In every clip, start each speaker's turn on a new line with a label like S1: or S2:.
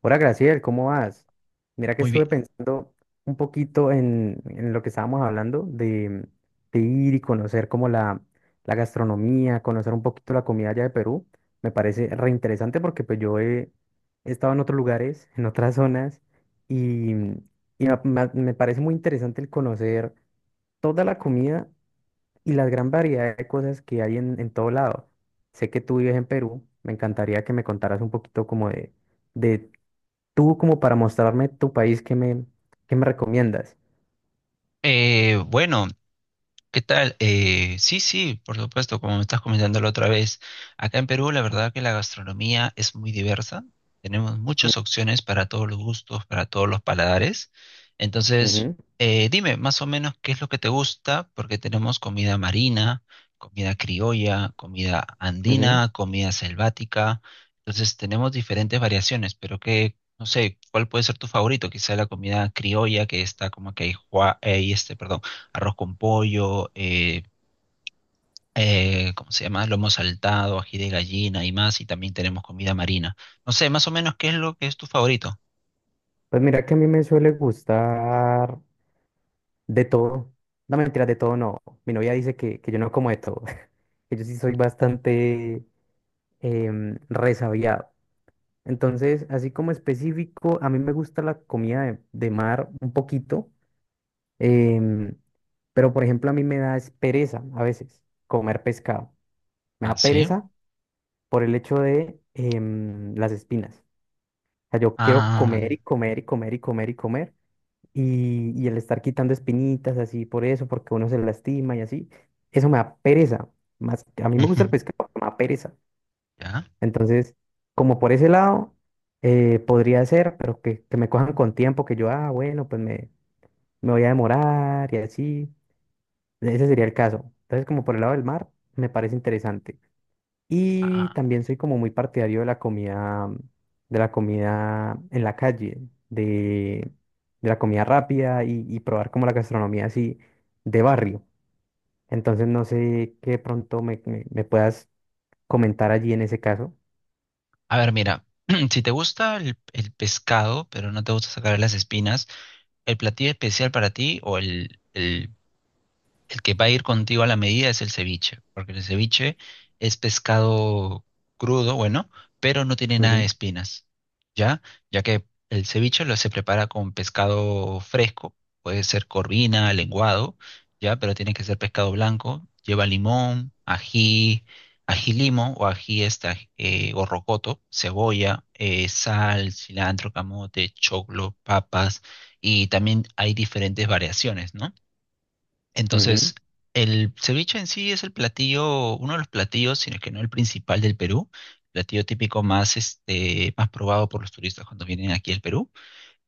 S1: Hola Graciel, ¿cómo vas? Mira que
S2: Muy
S1: estuve
S2: bien.
S1: pensando un poquito en lo que estábamos hablando de ir y conocer como la gastronomía, conocer un poquito la comida allá de Perú. Me parece reinteresante porque pues he estado en otros lugares, en otras zonas y me parece muy interesante el conocer toda la comida y la gran variedad de cosas que hay en todo lado. Sé que tú vives en Perú, me encantaría que me contaras un poquito como de Tú como para mostrarme tu país, ¿qué me recomiendas?
S2: Eh, bueno, ¿Qué tal? Sí, sí, por supuesto, como me estás comentando la otra vez, acá en Perú la verdad que la gastronomía es muy diversa, tenemos
S1: Mm,
S2: muchas opciones para todos los gustos, para todos los paladares, entonces
S1: ujú,
S2: dime más o menos qué es lo que te gusta, porque tenemos comida marina, comida criolla, comida
S1: ujú.
S2: andina, comida selvática, entonces tenemos diferentes variaciones, pero que, no sé, ¿cuál puede ser tu favorito? Quizá la comida criolla que está como que ahí, ahí, este, perdón, arroz con pollo, ¿cómo se llama? Lomo saltado, ají de gallina y más, y también tenemos comida marina. No sé, más o menos, ¿qué es lo que es tu favorito?
S1: Pues mira que a mí me suele gustar de todo. No mentira, de todo no. Mi novia dice que yo no como de todo, que yo sí soy bastante resabiado. Entonces, así como específico, a mí me gusta la comida de mar un poquito, em, pero por ejemplo a mí me da es pereza a veces comer pescado. Me
S2: Ah,
S1: da
S2: sí.
S1: pereza por el hecho de las espinas. Sea, yo quiero
S2: Ah,
S1: comer y comer y comer y comer y comer. Y el estar quitando espinitas así por eso, porque uno se lastima y así, eso me da pereza. Más, a mí me gusta el pescado, pero me da pereza.
S2: ya.
S1: Entonces, como por ese lado, podría ser, pero que me cojan con tiempo, que yo, ah, bueno, me voy a demorar y así. Ese sería el caso. Entonces, como por el lado del mar, me parece interesante. Y
S2: Ah,
S1: también soy como muy partidario de la comida en la calle, de, de la comida rápida y probar como la gastronomía así de barrio. Entonces no sé qué de pronto me puedas comentar allí en ese caso.
S2: a ver, mira, si te gusta el pescado, pero no te gusta sacar las espinas, el platillo especial para ti o el que va a ir contigo a la medida es el ceviche, porque el ceviche es pescado crudo, bueno, pero no tiene nada de
S1: Ujú,
S2: espinas, ¿ya? Ya que el ceviche lo se prepara con pescado fresco, puede ser corvina, lenguado, ¿ya? Pero tiene que ser pescado blanco, lleva limón, ají, ají limo o ají esta, o rocoto, cebolla, sal, cilantro, camote, choclo, papas, y también hay diferentes variaciones, ¿no?
S1: ujú.
S2: Entonces, el ceviche en sí es el platillo, uno de los platillos, sino que no el principal del Perú, platillo típico más, este, más probado por los turistas cuando vienen aquí al Perú.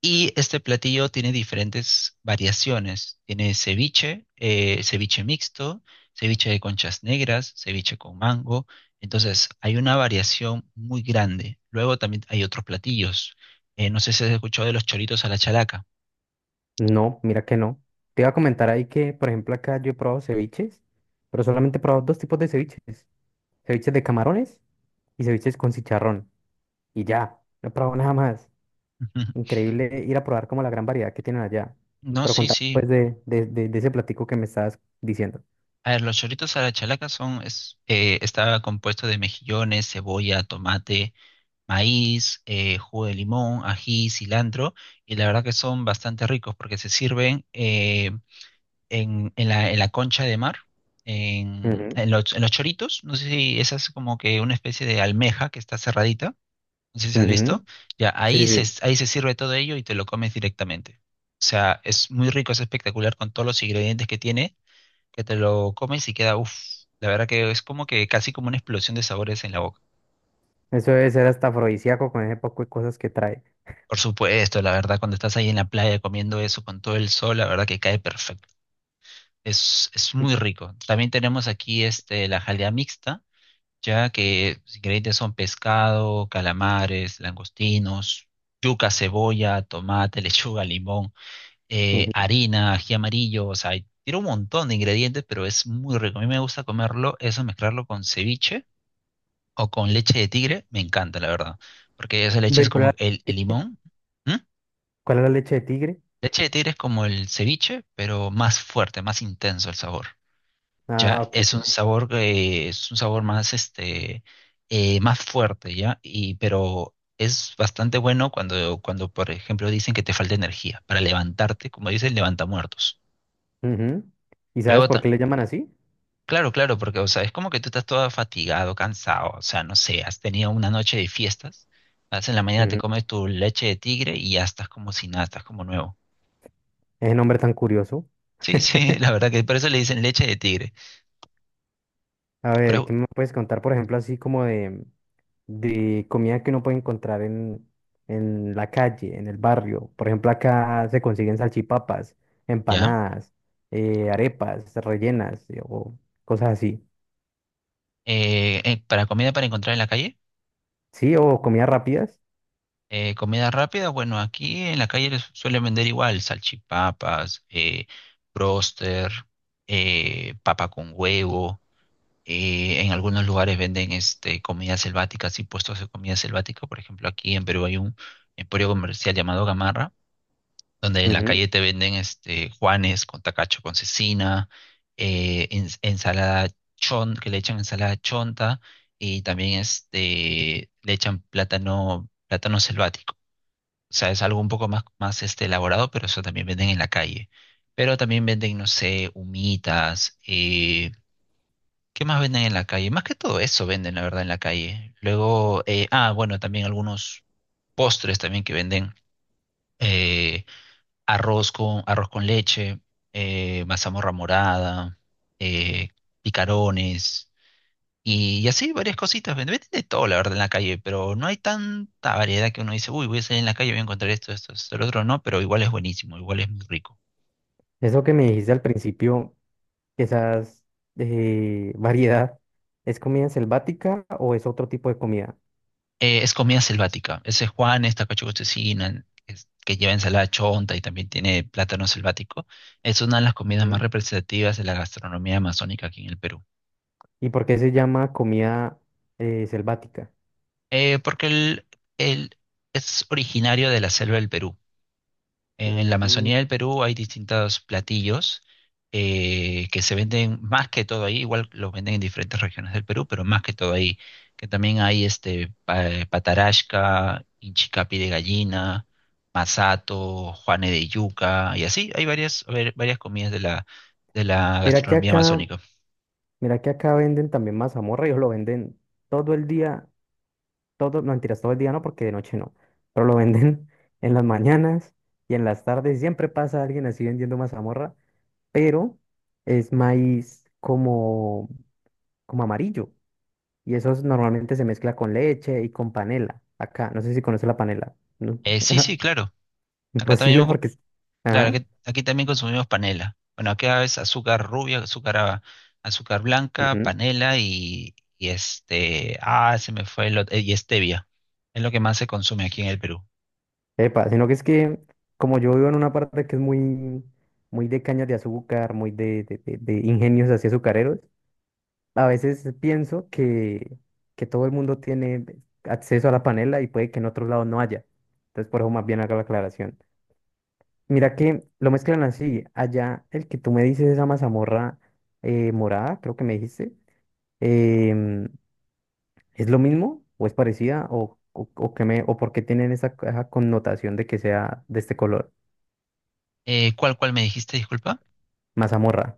S2: Y este platillo tiene diferentes variaciones. Tiene ceviche, ceviche mixto, ceviche de conchas negras, ceviche con mango. Entonces, hay una variación muy grande. Luego también hay otros platillos. No sé si has escuchado de los choritos a la chalaca.
S1: No, mira que no. Te iba a comentar ahí que, por ejemplo, acá yo he probado ceviches, pero solamente he probado dos tipos de ceviches. Ceviches de camarones y ceviches con chicharrón. Y ya, no he probado nada más.
S2: Ujú.
S1: Increíble ir a probar como la gran variedad que tienen allá.
S2: No,
S1: Pero
S2: sí,
S1: contame
S2: sí.
S1: pues de ese platico que me estabas diciendo.
S2: A ver, los choritos a la chalaca son, es, está compuesto de mejillones, cebolla, tomate, maíz, jugo de limón, ají, cilantro, y la verdad que son bastante ricos porque se sirven en, en la concha de mar, en,
S1: Ujú,
S2: en los choritos, no sé si esa es como que una especie de almeja que está cerradita, no sé si has
S1: ujú.
S2: visto, ya
S1: Sí, sí, sí.
S2: ahí se sirve todo ello y te lo comes directamente. O sea, es muy rico, es espectacular con todos los ingredientes que tiene, que te lo comes y queda, uff, la verdad que es como que casi como una explosión de sabores en la boca.
S1: Eso debe ser hasta afrodisíaco con ese poco de cosas que trae.
S2: Por supuesto, la verdad, cuando estás ahí en la playa comiendo eso con todo el sol, la verdad que cae perfecto. Es muy rico. También tenemos aquí este, la jalea mixta, ya que los ingredientes son pescado, calamares, langostinos, yuca, cebolla, tomate, lechuga, limón.
S1: Ujú.
S2: Harina, ají amarillo, o sea, tiene un montón de ingredientes, pero es muy rico. A mí me gusta comerlo, eso mezclarlo con ceviche o con leche de tigre, me encanta, la verdad, porque esa leche
S1: Ve,
S2: es como
S1: Ti-
S2: el limón. ¿Mm?
S1: ¿cuál era la leche de tigre?
S2: Leche de tigre es como el ceviche, pero más fuerte, más intenso el sabor. Ya
S1: Ah, ok.
S2: es un sabor que es un sabor más este más fuerte, ¿ya? Y pero es bastante bueno cuando por ejemplo dicen que te falta energía para levantarte, como dicen, levanta muertos.
S1: Ujú. ¿Y sabes
S2: Luego
S1: por qué
S2: ta-
S1: le llaman así?
S2: Claro, claro, porque, o sea, es como que tú estás todo fatigado, cansado, o sea, no sé, has tenido una noche de fiestas, vas en la mañana te
S1: Ujú.
S2: comes tu leche de tigre y ya estás como si nada, estás como nuevo.
S1: Ese nombre tan curioso.
S2: Sí, sí, la verdad que por eso le dicen leche de tigre.
S1: A ver,
S2: Pero,
S1: ¿qué me puedes contar, por ejemplo, así como de comida que uno puede encontrar en la calle, en el barrio? Por ejemplo, acá se consiguen salchipapas,
S2: ¿ya?
S1: empanadas, arepas rellenas o cosas así.
S2: Para comida para encontrar en la calle,
S1: Sí, o comidas rápidas.
S2: comida rápida, bueno, aquí en la calle les suelen vender igual salchipapas, bróster, papa con huevo. En algunos lugares venden este, comida selvática, sí, puestos de comida selvática. Por ejemplo, aquí en Perú hay un emporio comercial llamado Gamarra, donde en la
S1: Ujú.
S2: calle te venden este, juanes con tacacho con cecina, ensalada chon, que le echan ensalada chonta y también este, le echan plátano, plátano selvático. O sea, es algo un poco más, más este, elaborado, pero eso también venden en la calle. Pero también venden, no sé, humitas, ¿qué más venden en la calle? Más que todo eso venden, la verdad, en la calle. Luego, ah, bueno, también algunos postres también que venden. eh, arroz con leche, mazamorra morada, eh, picarones y así varias cositas. Venden, venden de todo, la verdad, en la calle, pero no hay tanta variedad que uno dice, uy, voy a salir en la calle, voy a encontrar esto, esto, esto, el otro no, pero igual es buenísimo, igual es muy rico.
S1: Eso que me dijiste al principio, esas variedad, ¿es comida selvática o es otro tipo de comida?
S2: Es comida selvática. Ese es Juan, esta cocina que, que lleva ensalada chonta y también tiene plátano selvático. Es una de las comidas más
S1: Ujú.
S2: representativas de la gastronomía amazónica aquí en el Perú.
S1: ¿Y por qué se llama comida selvática?
S2: Porque el- es originario de la selva del Perú. En la
S1: Mm.
S2: Amazonía del Perú hay distintos platillos que se venden más que todo ahí, igual los venden en diferentes regiones del Perú, pero más que todo ahí, que también hay este patarasca, inchicapi de gallina, masato, juane de yuca, y así hay varias, varias comidas de la
S1: Mira que
S2: gastronomía
S1: acá
S2: amazónica.
S1: Mira que acá venden también mazamorra, ellos lo venden todo el día, todo, no mentiras, todo el día no, porque de noche no, pero lo venden en las mañanas y en las tardes, siempre pasa alguien así vendiendo mazamorra, pero es maíz como, como amarillo y normalmente se mezcla con leche y con panela, acá, no sé si conoces la panela, ¿no?
S2: Sí, sí, claro. Acá
S1: Imposible
S2: también.
S1: porque...
S2: Claro,
S1: Ajá.
S2: aquí, aquí también consumimos panela. Bueno, aquí es azúcar rubia, azúcar blanca, panela y este, ah, se me fue el, y stevia. Es lo que más se consume aquí en el Perú.
S1: Epa, sino que es que como yo vivo en una parte que es muy, muy de cañas de azúcar, muy de ingenios así azucareros, a veces pienso que todo el mundo tiene acceso a la panela y puede que en otros lados no haya. Entonces por eso más bien hago la aclaración. Mira que lo mezclan así. Allá el que tú me dices, esa mazamorra morada, creo que me dijiste, em, ¿es lo mismo o es parecida o qué me, o por qué tienen esa connotación de que sea de este color?
S2: Cuál me dijiste, disculpa?
S1: Mazamorra.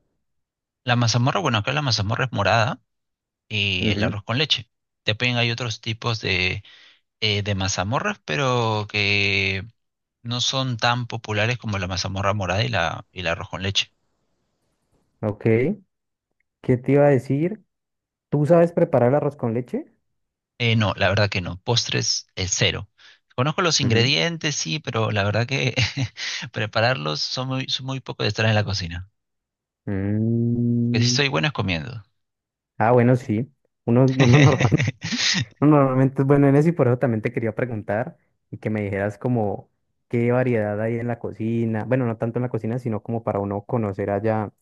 S2: La mazamorra, bueno, acá la mazamorra es morada y el
S1: Ujú.
S2: arroz con leche. También hay otros tipos de mazamorras, pero que no son tan populares como la mazamorra morada y la, y el arroz con leche.
S1: Ok. ¿Qué te iba a decir? ¿Tú sabes preparar el arroz con leche?
S2: No, la verdad que no. Postres, cero. Conozco los
S1: Ujú.
S2: ingredientes, sí, pero la verdad que prepararlos son muy poco de estar en la cocina. Lo que sí
S1: Mm.
S2: soy bueno es comiendo.
S1: Ah, bueno, sí. Uno, uno normal- uno normalmente es bueno en eso y por eso también te quería preguntar y que me dijeras como qué variedad hay en la cocina. Bueno, no tanto en la cocina, sino como para uno conocer allá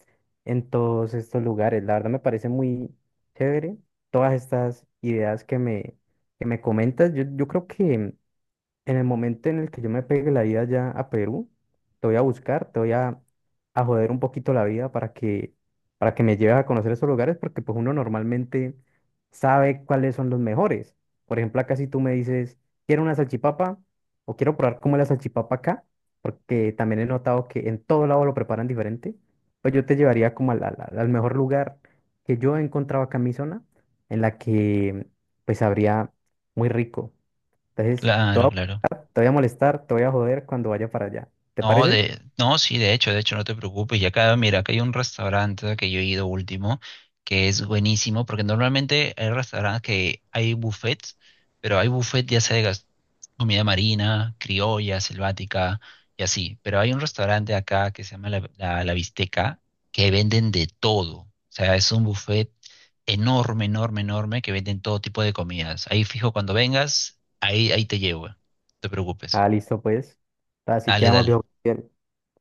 S1: en todos estos lugares. La verdad me parece muy chévere todas estas ideas que me comentas. Yo creo que en el momento en el que yo me pegue la vida ya a Perú, te voy a buscar, a joder un poquito la vida para que me lleves a conocer esos lugares, porque pues uno normalmente sabe cuáles son los mejores. Por ejemplo, acá si tú me dices, quiero una salchipapa o quiero probar cómo es la salchipapa acá, porque también he notado que en todo lado lo preparan diferente, pues yo te llevaría como al mejor lugar que yo he encontrado acá en mi zona, en la que pues habría muy rico. Entonces,
S2: Claro, claro.
S1: te voy a molestar, te voy a joder cuando vaya para allá. ¿Te
S2: No,
S1: parece?
S2: de, no, sí, de hecho, no te preocupes. Y acá, mira, acá hay un restaurante que yo he ido último, que es buenísimo, porque normalmente hay restaurantes que hay buffets, pero hay buffet ya sea de comida marina, criolla, selvática y así. Pero hay un restaurante acá que se llama La Bisteca, que venden de todo. O sea, es un buffet enorme, enorme, enorme, que venden todo tipo de comidas. Ahí fijo, cuando vengas, ahí, ahí te llevo. No te preocupes.
S1: Ah, listo, pues. Así
S2: Dale,
S1: quedamos,
S2: dale.
S1: viejo. Bien,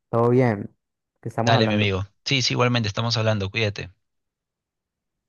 S1: todo bien. Que estamos
S2: Dale, mi
S1: hablando.
S2: amigo. Sí, sí, igualmente estamos hablando. Cuídate.